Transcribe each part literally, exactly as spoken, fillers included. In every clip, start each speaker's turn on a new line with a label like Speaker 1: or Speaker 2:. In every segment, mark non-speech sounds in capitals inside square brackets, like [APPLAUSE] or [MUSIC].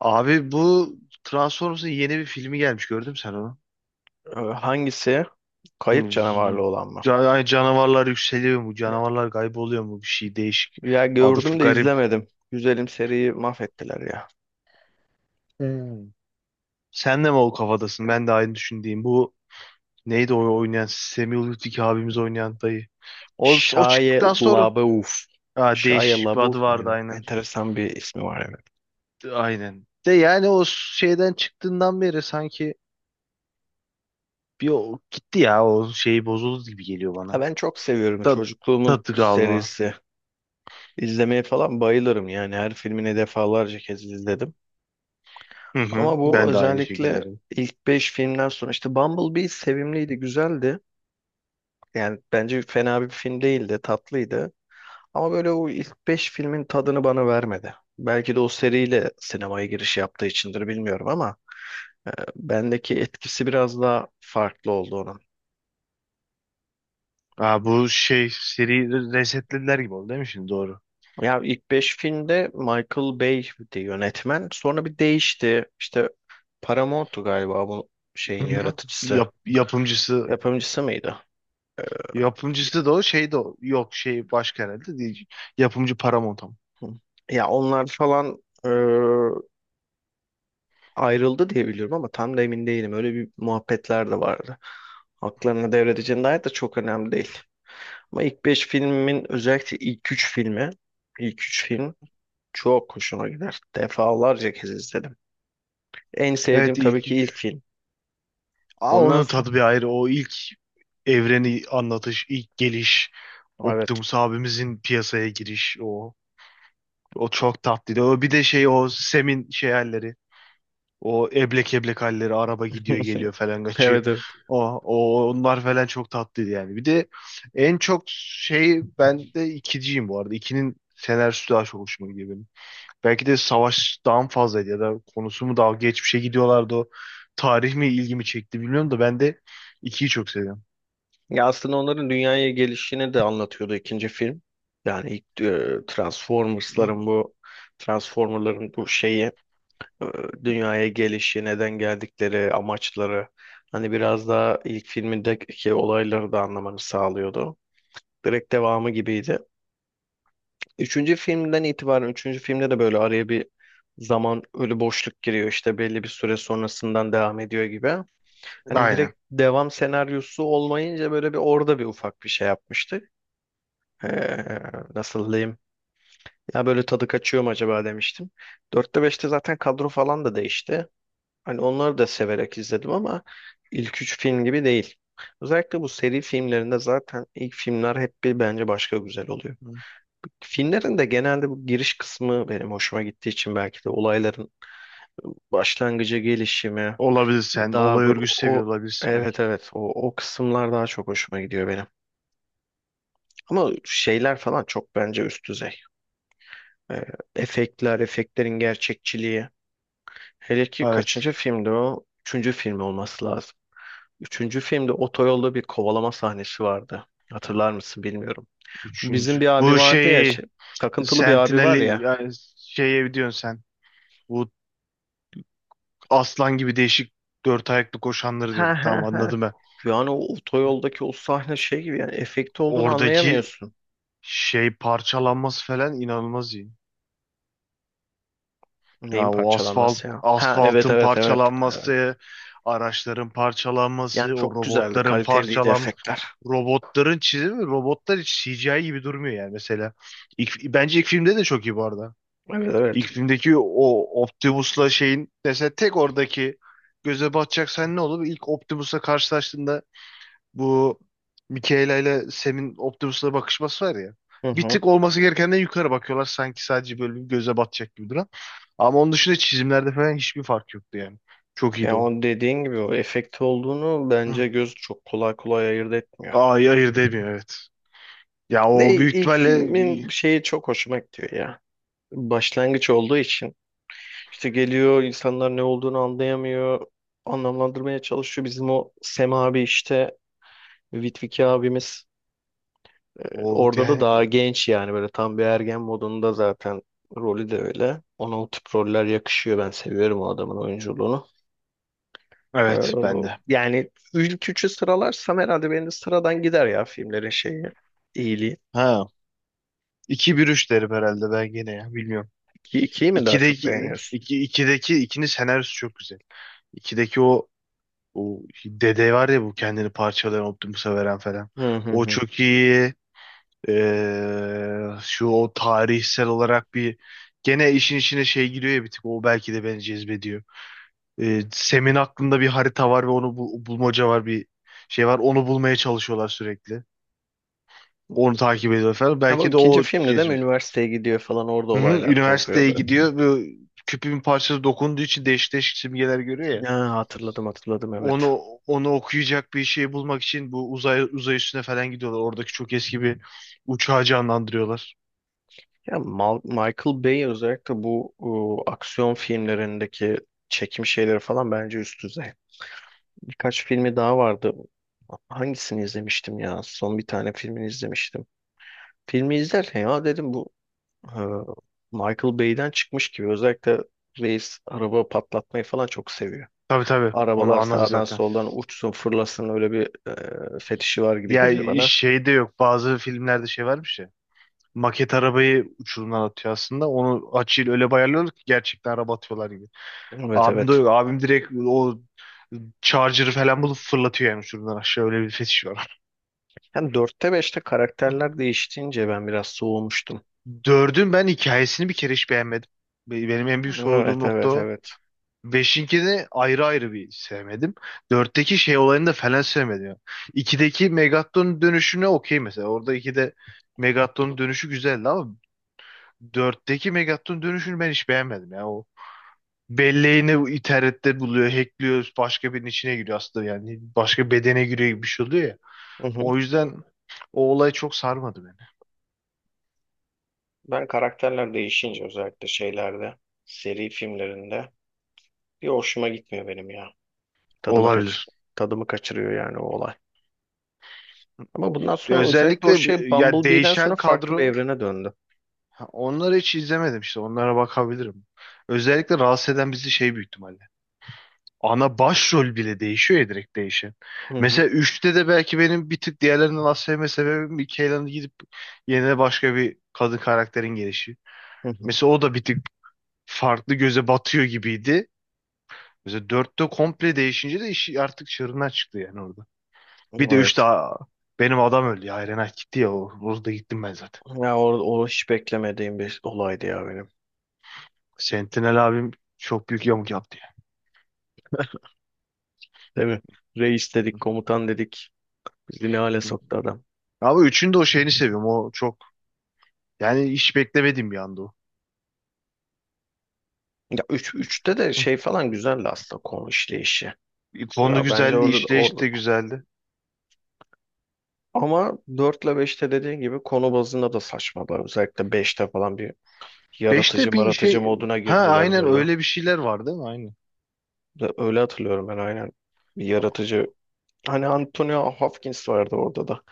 Speaker 1: Abi bu Transformers'ın yeni bir filmi gelmiş, gördün mü sen onu?
Speaker 2: Ee, Hangisi? Kayıp
Speaker 1: Hı,
Speaker 2: canavarlı olan mı?
Speaker 1: Can ay, Canavarlar yükseliyor mu?
Speaker 2: Ya
Speaker 1: Canavarlar kayboluyor mu? Bir şey değişik.
Speaker 2: Ya
Speaker 1: Adı f-
Speaker 2: gördüm de
Speaker 1: garip.
Speaker 2: izlemedim. Güzelim seriyi mahvettiler ya.
Speaker 1: Hmm. Sen de mi o kafadasın? Ben de aynı düşündüğüm. Bu neydi o oynayan? Samuel Lütfi abimiz oynayan dayı. O, o
Speaker 2: Shia
Speaker 1: çıktıktan sonra
Speaker 2: LaBeouf.
Speaker 1: ha,
Speaker 2: Shia
Speaker 1: değişik bir
Speaker 2: LaBeouf
Speaker 1: adı vardı,
Speaker 2: muydu?
Speaker 1: aynen.
Speaker 2: Enteresan bir ismi var, evet.
Speaker 1: Aynen. De yani o şeyden çıktığından beri sanki bir o, gitti ya, o şey bozuldu gibi geliyor
Speaker 2: Ya
Speaker 1: bana.
Speaker 2: ben çok seviyorum,
Speaker 1: Tat,
Speaker 2: çocukluğumun
Speaker 1: tadı kalma.
Speaker 2: serisi. İzlemeye falan bayılırım, yani her filmini defalarca kez izledim.
Speaker 1: Hı hı.
Speaker 2: Ama bu
Speaker 1: Ben de aynı
Speaker 2: özellikle
Speaker 1: şekillerim.
Speaker 2: ilk beş filmden sonra, işte Bumblebee sevimliydi, güzeldi. Yani bence fena bir film değildi, tatlıydı. Ama böyle o ilk beş filmin tadını bana vermedi. Belki de o seriyle sinemaya giriş yaptığı içindir, bilmiyorum ama e, bendeki etkisi biraz daha farklı oldu onun.
Speaker 1: Aa, bu şey seri resetlediler gibi oldu değil mi şimdi? Doğru.
Speaker 2: Ya ilk beş filmde Michael Bay'di yönetmen. Sonra bir değişti. İşte Paramount'tu galiba bu şeyin
Speaker 1: Hı hı.
Speaker 2: yaratıcısı.
Speaker 1: Yap, yapımcısı
Speaker 2: Yapımcısı mıydı?
Speaker 1: yapımcısı da o şey de o. Yok şey başka herhalde, değil. Yapımcı Paramount ama.
Speaker 2: Ya onlar falan e, ayrıldı diye biliyorum ama tam da emin değilim. Öyle bir muhabbetler de vardı. Haklarını devredeceğine dair de, çok önemli değil. Ama ilk beş filmin özellikle ilk üç filmi, ilk üç film çok hoşuma gider. Defalarca kez izledim. En sevdiğim
Speaker 1: Evet,
Speaker 2: tabii
Speaker 1: ilk
Speaker 2: ki ilk
Speaker 1: üç.
Speaker 2: film.
Speaker 1: Aa,
Speaker 2: Ondan
Speaker 1: onun
Speaker 2: sonra
Speaker 1: tadı bir ayrı. O ilk evreni anlatış, ilk geliş,
Speaker 2: evet.
Speaker 1: Optimus abimizin piyasaya giriş o. O çok tatlıydı. O bir de şey, o Sem'in şey halleri. O eblek eblek halleri, araba gidiyor geliyor
Speaker 2: [LAUGHS]
Speaker 1: falan, kaçıyor.
Speaker 2: Evet, evet.
Speaker 1: O, o onlar falan çok tatlıydı yani. Bir de en çok şey, ben de ikiciyim bu arada. İkinin senaryosu daha çok hoşuma gidiyor benim. Belki de savaştan fazlaydı ya da konusu mu daha geçmişe gidiyorlardı o. Tarih mi ilgimi çekti bilmiyorum da ben de ikiyi çok seviyorum.
Speaker 2: Ya aslında onların dünyaya gelişini de anlatıyordu ikinci film. Yani ilk e,
Speaker 1: Hı.
Speaker 2: Transformers'ların bu Transformer'ların bu şeyi, e, dünyaya gelişi, neden geldikleri, amaçları, hani biraz daha ilk filmindeki olayları da anlamanı sağlıyordu. Direkt devamı gibiydi. Üçüncü filmden itibaren, üçüncü filmde de böyle araya bir zaman, ölü boşluk giriyor, işte belli bir süre sonrasından devam ediyor gibi. Hani
Speaker 1: Aynen.
Speaker 2: direkt devam senaryosu olmayınca böyle bir orada bir ufak bir şey yapmıştık. Ee, Nasıl diyeyim? Ya böyle tadı kaçıyor mu acaba demiştim. Dörtte beşte zaten kadro falan da değişti. Hani onları da severek izledim ama ilk üç film gibi değil. Özellikle bu seri filmlerinde zaten ilk filmler hep bir, bence başka güzel oluyor.
Speaker 1: Hı.
Speaker 2: Filmlerin de genelde bu giriş kısmı benim hoşuma gittiği için, belki de olayların başlangıcı, gelişimi,
Speaker 1: Olabilir sen.
Speaker 2: daha
Speaker 1: Olay
Speaker 2: bu,
Speaker 1: örgüsü seviyor
Speaker 2: o
Speaker 1: olabilirsin belki.
Speaker 2: evet evet, o, o kısımlar daha çok hoşuma gidiyor benim. Ama şeyler falan çok bence üst düzey. Ee, efektler, efektlerin gerçekçiliği. Hele ki
Speaker 1: Evet.
Speaker 2: kaçıncı filmdi o? Üçüncü film olması lazım. Üçüncü filmde otoyolda bir kovalama sahnesi vardı. Hatırlar mısın, bilmiyorum. Bizim
Speaker 1: Üçüncü.
Speaker 2: bir abi
Speaker 1: Bu
Speaker 2: vardı ya,
Speaker 1: şeyi
Speaker 2: şey, takıntılı bir abi var
Speaker 1: Sentinel'i
Speaker 2: ya.
Speaker 1: yani, şeye diyorsun sen. Bu aslan gibi değişik dört ayaklı koşanları diyorum. Tamam,
Speaker 2: [LAUGHS]
Speaker 1: anladım ben.
Speaker 2: Yani o otoyoldaki o sahne şey gibi, yani efekti olduğunu
Speaker 1: Oradaki
Speaker 2: anlayamıyorsun.
Speaker 1: şey parçalanması falan inanılmaz iyi.
Speaker 2: Neyin
Speaker 1: Ya o asfalt
Speaker 2: parçalanması ya? Ha evet,
Speaker 1: asfaltın
Speaker 2: evet, evet. Ee,
Speaker 1: parçalanması, araçların
Speaker 2: Yani
Speaker 1: parçalanması, o
Speaker 2: çok güzeldi.
Speaker 1: robotların
Speaker 2: Kaliteliydi
Speaker 1: parçalanması.
Speaker 2: efektler.
Speaker 1: Robotların çizimi, robotlar hiç C G I gibi durmuyor yani mesela. İlk, bence ilk filmde de çok iyi bu arada.
Speaker 2: Evet, evet.
Speaker 1: İlk filmdeki o Optimus'la şeyin mesela, tek oradaki göze batacak sen ne olur? İlk Optimus'la karşılaştığında bu Michaela ile Sam'in Optimus'la bakışması var ya.
Speaker 2: Hı
Speaker 1: Bir
Speaker 2: hı.
Speaker 1: tık olması gerekenden yukarı bakıyorlar. Sanki sadece böyle bir göze batacak gibi duran. Ama onun dışında çizimlerde falan hiçbir fark yoktu yani. Çok
Speaker 2: Yani
Speaker 1: iyiydi o.
Speaker 2: o dediğin gibi o efekti olduğunu
Speaker 1: Hı.
Speaker 2: bence göz çok kolay kolay ayırt etmiyor.
Speaker 1: Ay hayır, demiyor, evet. Ya o
Speaker 2: Ve
Speaker 1: büyük
Speaker 2: ilk
Speaker 1: ihtimalle
Speaker 2: filmin şeyi çok hoşuma gidiyor ya. Başlangıç olduğu için, işte geliyor, insanlar ne olduğunu anlayamıyor. Anlamlandırmaya çalışıyor. Bizim o Sem abi, işte Vitviki abimiz,
Speaker 1: o
Speaker 2: orada da
Speaker 1: yani,
Speaker 2: daha genç, yani böyle tam bir ergen modunda. Zaten rolü de öyle. Ona o tip roller yakışıyor. Ben seviyorum o adamın oyunculuğunu. Ee,
Speaker 1: evet bende.
Speaker 2: Yani ilk üçü sıralarsam herhalde benim de sıradan gider ya filmlerin şeyi, iyiliği.
Speaker 1: Ha, iki bir üç derim herhalde ben gene, ya bilmiyorum.
Speaker 2: İ- İkiyi mi daha çok
Speaker 1: ikideki
Speaker 2: beğeniyorsun?
Speaker 1: iki ikideki ikinin senaryosu çok güzel. ikideki o, o dede var ya, bu kendini parçalayan Optimus'a veren falan.
Speaker 2: Hı hı
Speaker 1: O
Speaker 2: hı.
Speaker 1: çok iyi. Ee, şu o tarihsel olarak bir, gene işin içine şey giriyor ya, bir tık o belki de beni cezbediyor. Ee, Sem'in aklında bir harita var ve onu bul- bulmaca var, bir şey var, onu bulmaya çalışıyorlar sürekli. Onu takip ediyor falan.
Speaker 2: Ama
Speaker 1: Belki de
Speaker 2: ikinci
Speaker 1: o
Speaker 2: filmde de mi
Speaker 1: cezbediyor.
Speaker 2: üniversiteye gidiyor falan, orada
Speaker 1: Hı hı,
Speaker 2: olaylar
Speaker 1: üniversiteye
Speaker 2: kopuyordu.
Speaker 1: gidiyor ve küpün parçası dokunduğu için değişik değişik simgeler görüyor ya.
Speaker 2: Ya hatırladım, hatırladım, evet.
Speaker 1: Onu, onu okuyacak bir şey bulmak için bu uzay uzay üstüne falan gidiyorlar. Oradaki çok eski bir uçağı canlandırıyorlar.
Speaker 2: Ya Mal- Michael Bay özellikle bu ıı, aksiyon filmlerindeki çekim şeyleri falan bence üst düzey. Birkaç filmi daha vardı. Hangisini izlemiştim ya? Son bir tane filmini izlemiştim. Filmi izlerken ya dedim, bu e, Michael Bay'den çıkmış gibi. Özellikle reis araba patlatmayı falan çok seviyor.
Speaker 1: Tabii tabii. Onu
Speaker 2: Arabalar
Speaker 1: anladık
Speaker 2: sağdan
Speaker 1: zaten.
Speaker 2: soldan uçsun fırlasın, öyle bir e, fetişi var gibi
Speaker 1: Ya
Speaker 2: geliyor bana.
Speaker 1: şey de yok. Bazı filmlerde şey varmış ya. Maket arabayı uçurumdan atıyor aslında. Onu açıyla öyle bayarlıyorlar ki gerçekten araba atıyorlar gibi.
Speaker 2: Evet,
Speaker 1: Abim de
Speaker 2: evet.
Speaker 1: yok. Abim direkt o charger'ı falan bulup fırlatıyor yani uçurumdan aşağı. Öyle bir fetiş var.
Speaker 2: Yani dörtte beşte karakterler değiştiğince ben biraz soğumuştum.
Speaker 1: Dördün ben hikayesini bir kere hiç beğenmedim. Be- Benim en büyük soğuduğum
Speaker 2: Evet,
Speaker 1: nokta
Speaker 2: evet,
Speaker 1: o.
Speaker 2: evet.
Speaker 1: Beşinkini ayrı ayrı bir sevmedim. Dörtteki şey olayını da falan sevmedim ya. İkideki Megatron dönüşüne okey mesela. Orada ikide Megatron dönüşü güzeldi ama dörtteki Megatron dönüşünü ben hiç beğenmedim ya. O belleğini internette buluyor, hackliyor, başka birinin içine giriyor aslında yani. Başka bedene giriyor gibi bir şey oluyor ya.
Speaker 2: Hı hı.
Speaker 1: O yüzden o olay çok sarmadı beni.
Speaker 2: Ben karakterler değişince özellikle şeylerde, seri filmlerinde, bir hoşuma gitmiyor benim ya. Tadımı kaç
Speaker 1: Olabilir.
Speaker 2: tadımı kaçırıyor yani o olay. Ama bundan sonra özellikle o
Speaker 1: Özellikle bir-
Speaker 2: şey
Speaker 1: ya
Speaker 2: Bumblebee'den
Speaker 1: değişen
Speaker 2: sonra farklı bir
Speaker 1: kadro.
Speaker 2: evrene döndü.
Speaker 1: Ha, onları hiç izlemedim işte. Onlara bakabilirim. Özellikle rahatsız eden bizi şey, büyük ihtimalle. Ana başrol bile değişiyor ya, direkt değişen.
Speaker 2: Hı hı.
Speaker 1: Mesela üçte de belki benim bir tık diğerlerinden az sevme sebebim Mikaela'nın gidip yerine başka bir kadın karakterin gelişi.
Speaker 2: Hı hı.
Speaker 1: Mesela o da bir tık farklı göze batıyor gibiydi. Mesela dörtte komple değişince de işi artık çığırından çıktı yani orada. Bir de üçte
Speaker 2: Evet.
Speaker 1: aa, benim adam öldü ya. Iron Knight gitti ya. o- Orada gittim ben zaten.
Speaker 2: Ya o, o hiç beklemediğim bir olaydı ya benim.
Speaker 1: Sentinel abim çok büyük yamuk yaptı ya.
Speaker 2: Değil mi? Reis dedik, komutan dedik. Bizi ne hale soktu adam.
Speaker 1: Ama üçünü de o şeyini seviyorum. O çok, yani hiç beklemediğim bir anda o.
Speaker 2: Ya üç üçte de şey falan güzeldi aslında, konu işleyişi.
Speaker 1: [LAUGHS] Konu
Speaker 2: Ya bence
Speaker 1: güzeldi,
Speaker 2: orada da orada.
Speaker 1: işleyiş de güzeldi.
Speaker 2: Ama dört ile beşte dediğin gibi konu bazında da saçmalar. Özellikle beşte falan bir yaratıcı
Speaker 1: Beşte bir
Speaker 2: maratıcı
Speaker 1: şey,
Speaker 2: moduna
Speaker 1: ha
Speaker 2: girdiler
Speaker 1: aynen,
Speaker 2: böyle.
Speaker 1: öyle bir şeyler var değil mi? Aynen.
Speaker 2: Ve öyle hatırlıyorum ben, aynen. Bir yaratıcı Hani Antonio Hopkins vardı orada da.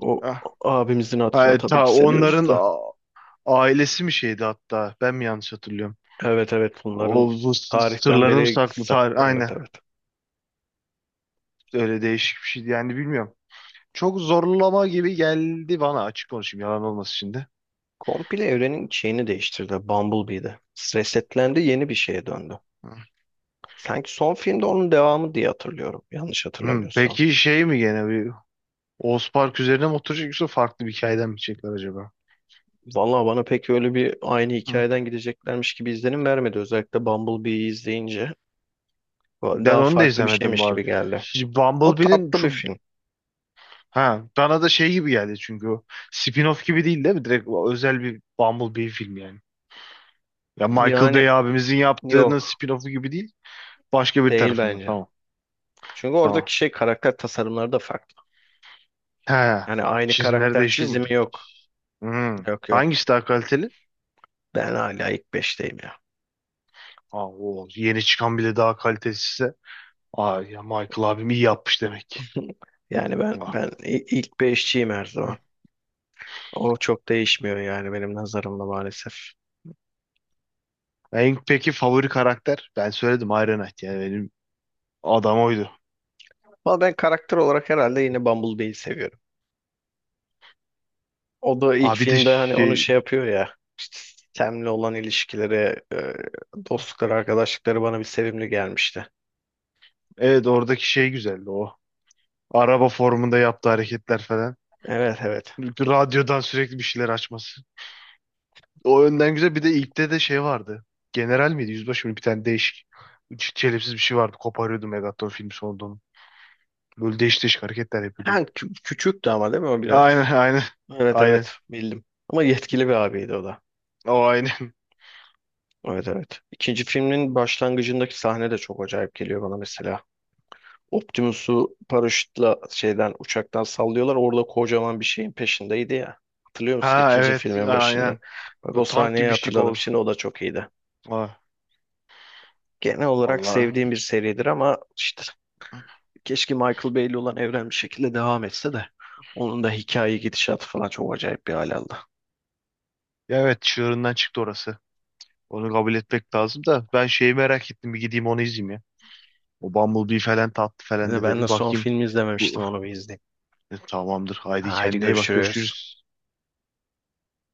Speaker 2: O
Speaker 1: Ah,
Speaker 2: abimizin
Speaker 1: ha,
Speaker 2: hatırına
Speaker 1: e,
Speaker 2: tabii
Speaker 1: ta
Speaker 2: ki seviyoruz
Speaker 1: onların
Speaker 2: da.
Speaker 1: a- ailesi mi şeydi hatta? Ben mi yanlış hatırlıyorum?
Speaker 2: Evet, evet,
Speaker 1: O
Speaker 2: bunların
Speaker 1: bu s-
Speaker 2: tarihten
Speaker 1: sırlarını mı
Speaker 2: beri
Speaker 1: saklı?
Speaker 2: sak-
Speaker 1: Tarih, aynen.
Speaker 2: evet, evet.
Speaker 1: Öyle değişik bir şeydi. Yani bilmiyorum. Çok zorlama gibi geldi bana. Açık konuşayım, yalan olmasın şimdi.
Speaker 2: Komple evrenin şeyini değiştirdi Bumblebee'de. Resetlendi, yeni bir şeye döndü. Sanki son filmde onun devamı diye hatırlıyorum, yanlış
Speaker 1: Hmm,
Speaker 2: hatırlamıyorsam.
Speaker 1: peki şey mi gene bir Oğuz Park üzerine mi oturacak yoksa farklı bir hikayeden mi çekler acaba?
Speaker 2: Vallahi bana pek öyle bir aynı
Speaker 1: Hı.
Speaker 2: hikayeden gideceklermiş gibi izlenim vermedi. Özellikle Bumblebee'yi izleyince
Speaker 1: Ben
Speaker 2: daha
Speaker 1: onu da
Speaker 2: farklı bir
Speaker 1: izlemedim
Speaker 2: şeymiş
Speaker 1: bu arada.
Speaker 2: gibi geldi.
Speaker 1: Şimdi
Speaker 2: O
Speaker 1: Bumblebee'nin
Speaker 2: tatlı bir
Speaker 1: şu,
Speaker 2: film.
Speaker 1: ha bana da şey gibi geldi çünkü o spin-off gibi, değil değil mi? Direkt o özel bir Bumblebee film yani. Ya Michael
Speaker 2: Yani
Speaker 1: Bay abimizin yaptığının
Speaker 2: yok,
Speaker 1: spin-off'u gibi değil. Başka bir
Speaker 2: değil
Speaker 1: tarafından.
Speaker 2: bence.
Speaker 1: Tamam.
Speaker 2: Çünkü
Speaker 1: Tamam.
Speaker 2: oradaki şey karakter tasarımları da farklı.
Speaker 1: He.
Speaker 2: Yani aynı
Speaker 1: Çizimleri
Speaker 2: karakter
Speaker 1: değişiyor mu?
Speaker 2: çizimi yok.
Speaker 1: Hmm.
Speaker 2: Yok, yok.
Speaker 1: Hangisi daha kaliteli?
Speaker 2: Ben hala ilk beşteyim ya.
Speaker 1: Aa, o yeni çıkan bile daha kalitesizse. Aa ya, Michael abim iyi yapmış demek.
Speaker 2: [LAUGHS] Yani ben
Speaker 1: Aa.
Speaker 2: ben i- ilk beşçiyim her
Speaker 1: Hı.
Speaker 2: zaman. O çok değişmiyor yani benim nazarımda maalesef.
Speaker 1: En peki favori karakter? Ben söyledim, Iron Knight yani benim adam oydu.
Speaker 2: Ama ben karakter olarak herhalde yine Bumblebee'yi seviyorum. O da ilk
Speaker 1: Abi de
Speaker 2: filmde hani onu
Speaker 1: şey.
Speaker 2: şey yapıyor ya, işte Sam'le olan ilişkileri, e, dostlukları, arkadaşlıkları bana bir sevimli gelmişti.
Speaker 1: Evet, oradaki şey güzeldi o. Araba formunda yaptığı hareketler falan.
Speaker 2: Evet, evet.
Speaker 1: Radyodan sürekli bir şeyler açması. O önden güzel. Bir de ilkte de şey vardı. General miydi? Yüzbaşı mıydı? Bir tane değişik. ç- Çelimsiz bir şey vardı. Koparıyordu Megaton filmi sonunda onu. Böyle değişik değişik hareketler yapıyordu.
Speaker 2: Ha, kü- küçüktü ama değil mi o
Speaker 1: Aynen [LAUGHS]
Speaker 2: biraz?
Speaker 1: aynen.
Speaker 2: Evet,
Speaker 1: Aynen.
Speaker 2: evet, bildim. Ama yetkili bir abiydi o da.
Speaker 1: O aynen. [LAUGHS]
Speaker 2: Evet, evet. İkinci filmin başlangıcındaki sahne de çok acayip geliyor bana mesela. Optimus'u paraşütle şeyden, uçaktan sallıyorlar. Orada kocaman bir şeyin peşindeydi ya. Hatırlıyor musun
Speaker 1: Ha
Speaker 2: ikinci
Speaker 1: evet,
Speaker 2: filmin başında?
Speaker 1: aynen.
Speaker 2: Bak o
Speaker 1: Bu tank
Speaker 2: sahneyi
Speaker 1: gibi bir şey
Speaker 2: hatırladım.
Speaker 1: oldu.
Speaker 2: Şimdi o da çok iyiydi.
Speaker 1: Ha,
Speaker 2: Genel olarak sevdiğim
Speaker 1: vallahi.
Speaker 2: bir seridir ama işte keşke Michael Bay'li olan evren bir şekilde devam etse de, onun da hikaye gidişatı falan çok acayip bir hal aldı.
Speaker 1: Ya evet, çığırından çıktı orası. Onu kabul etmek lazım da ben şeyi merak ettim, bir gideyim onu izleyeyim ya. O Bumblebee falan tatlı
Speaker 2: Bir
Speaker 1: falan,
Speaker 2: de
Speaker 1: de
Speaker 2: ben
Speaker 1: dedim.
Speaker 2: de son
Speaker 1: Bakayım.
Speaker 2: filmi
Speaker 1: Bu,
Speaker 2: izlememiştim, onu bir izleyeyim.
Speaker 1: E, tamamdır. Haydi
Speaker 2: Haydi
Speaker 1: kendine iyi bak.
Speaker 2: görüşürüz.
Speaker 1: Görüşürüz.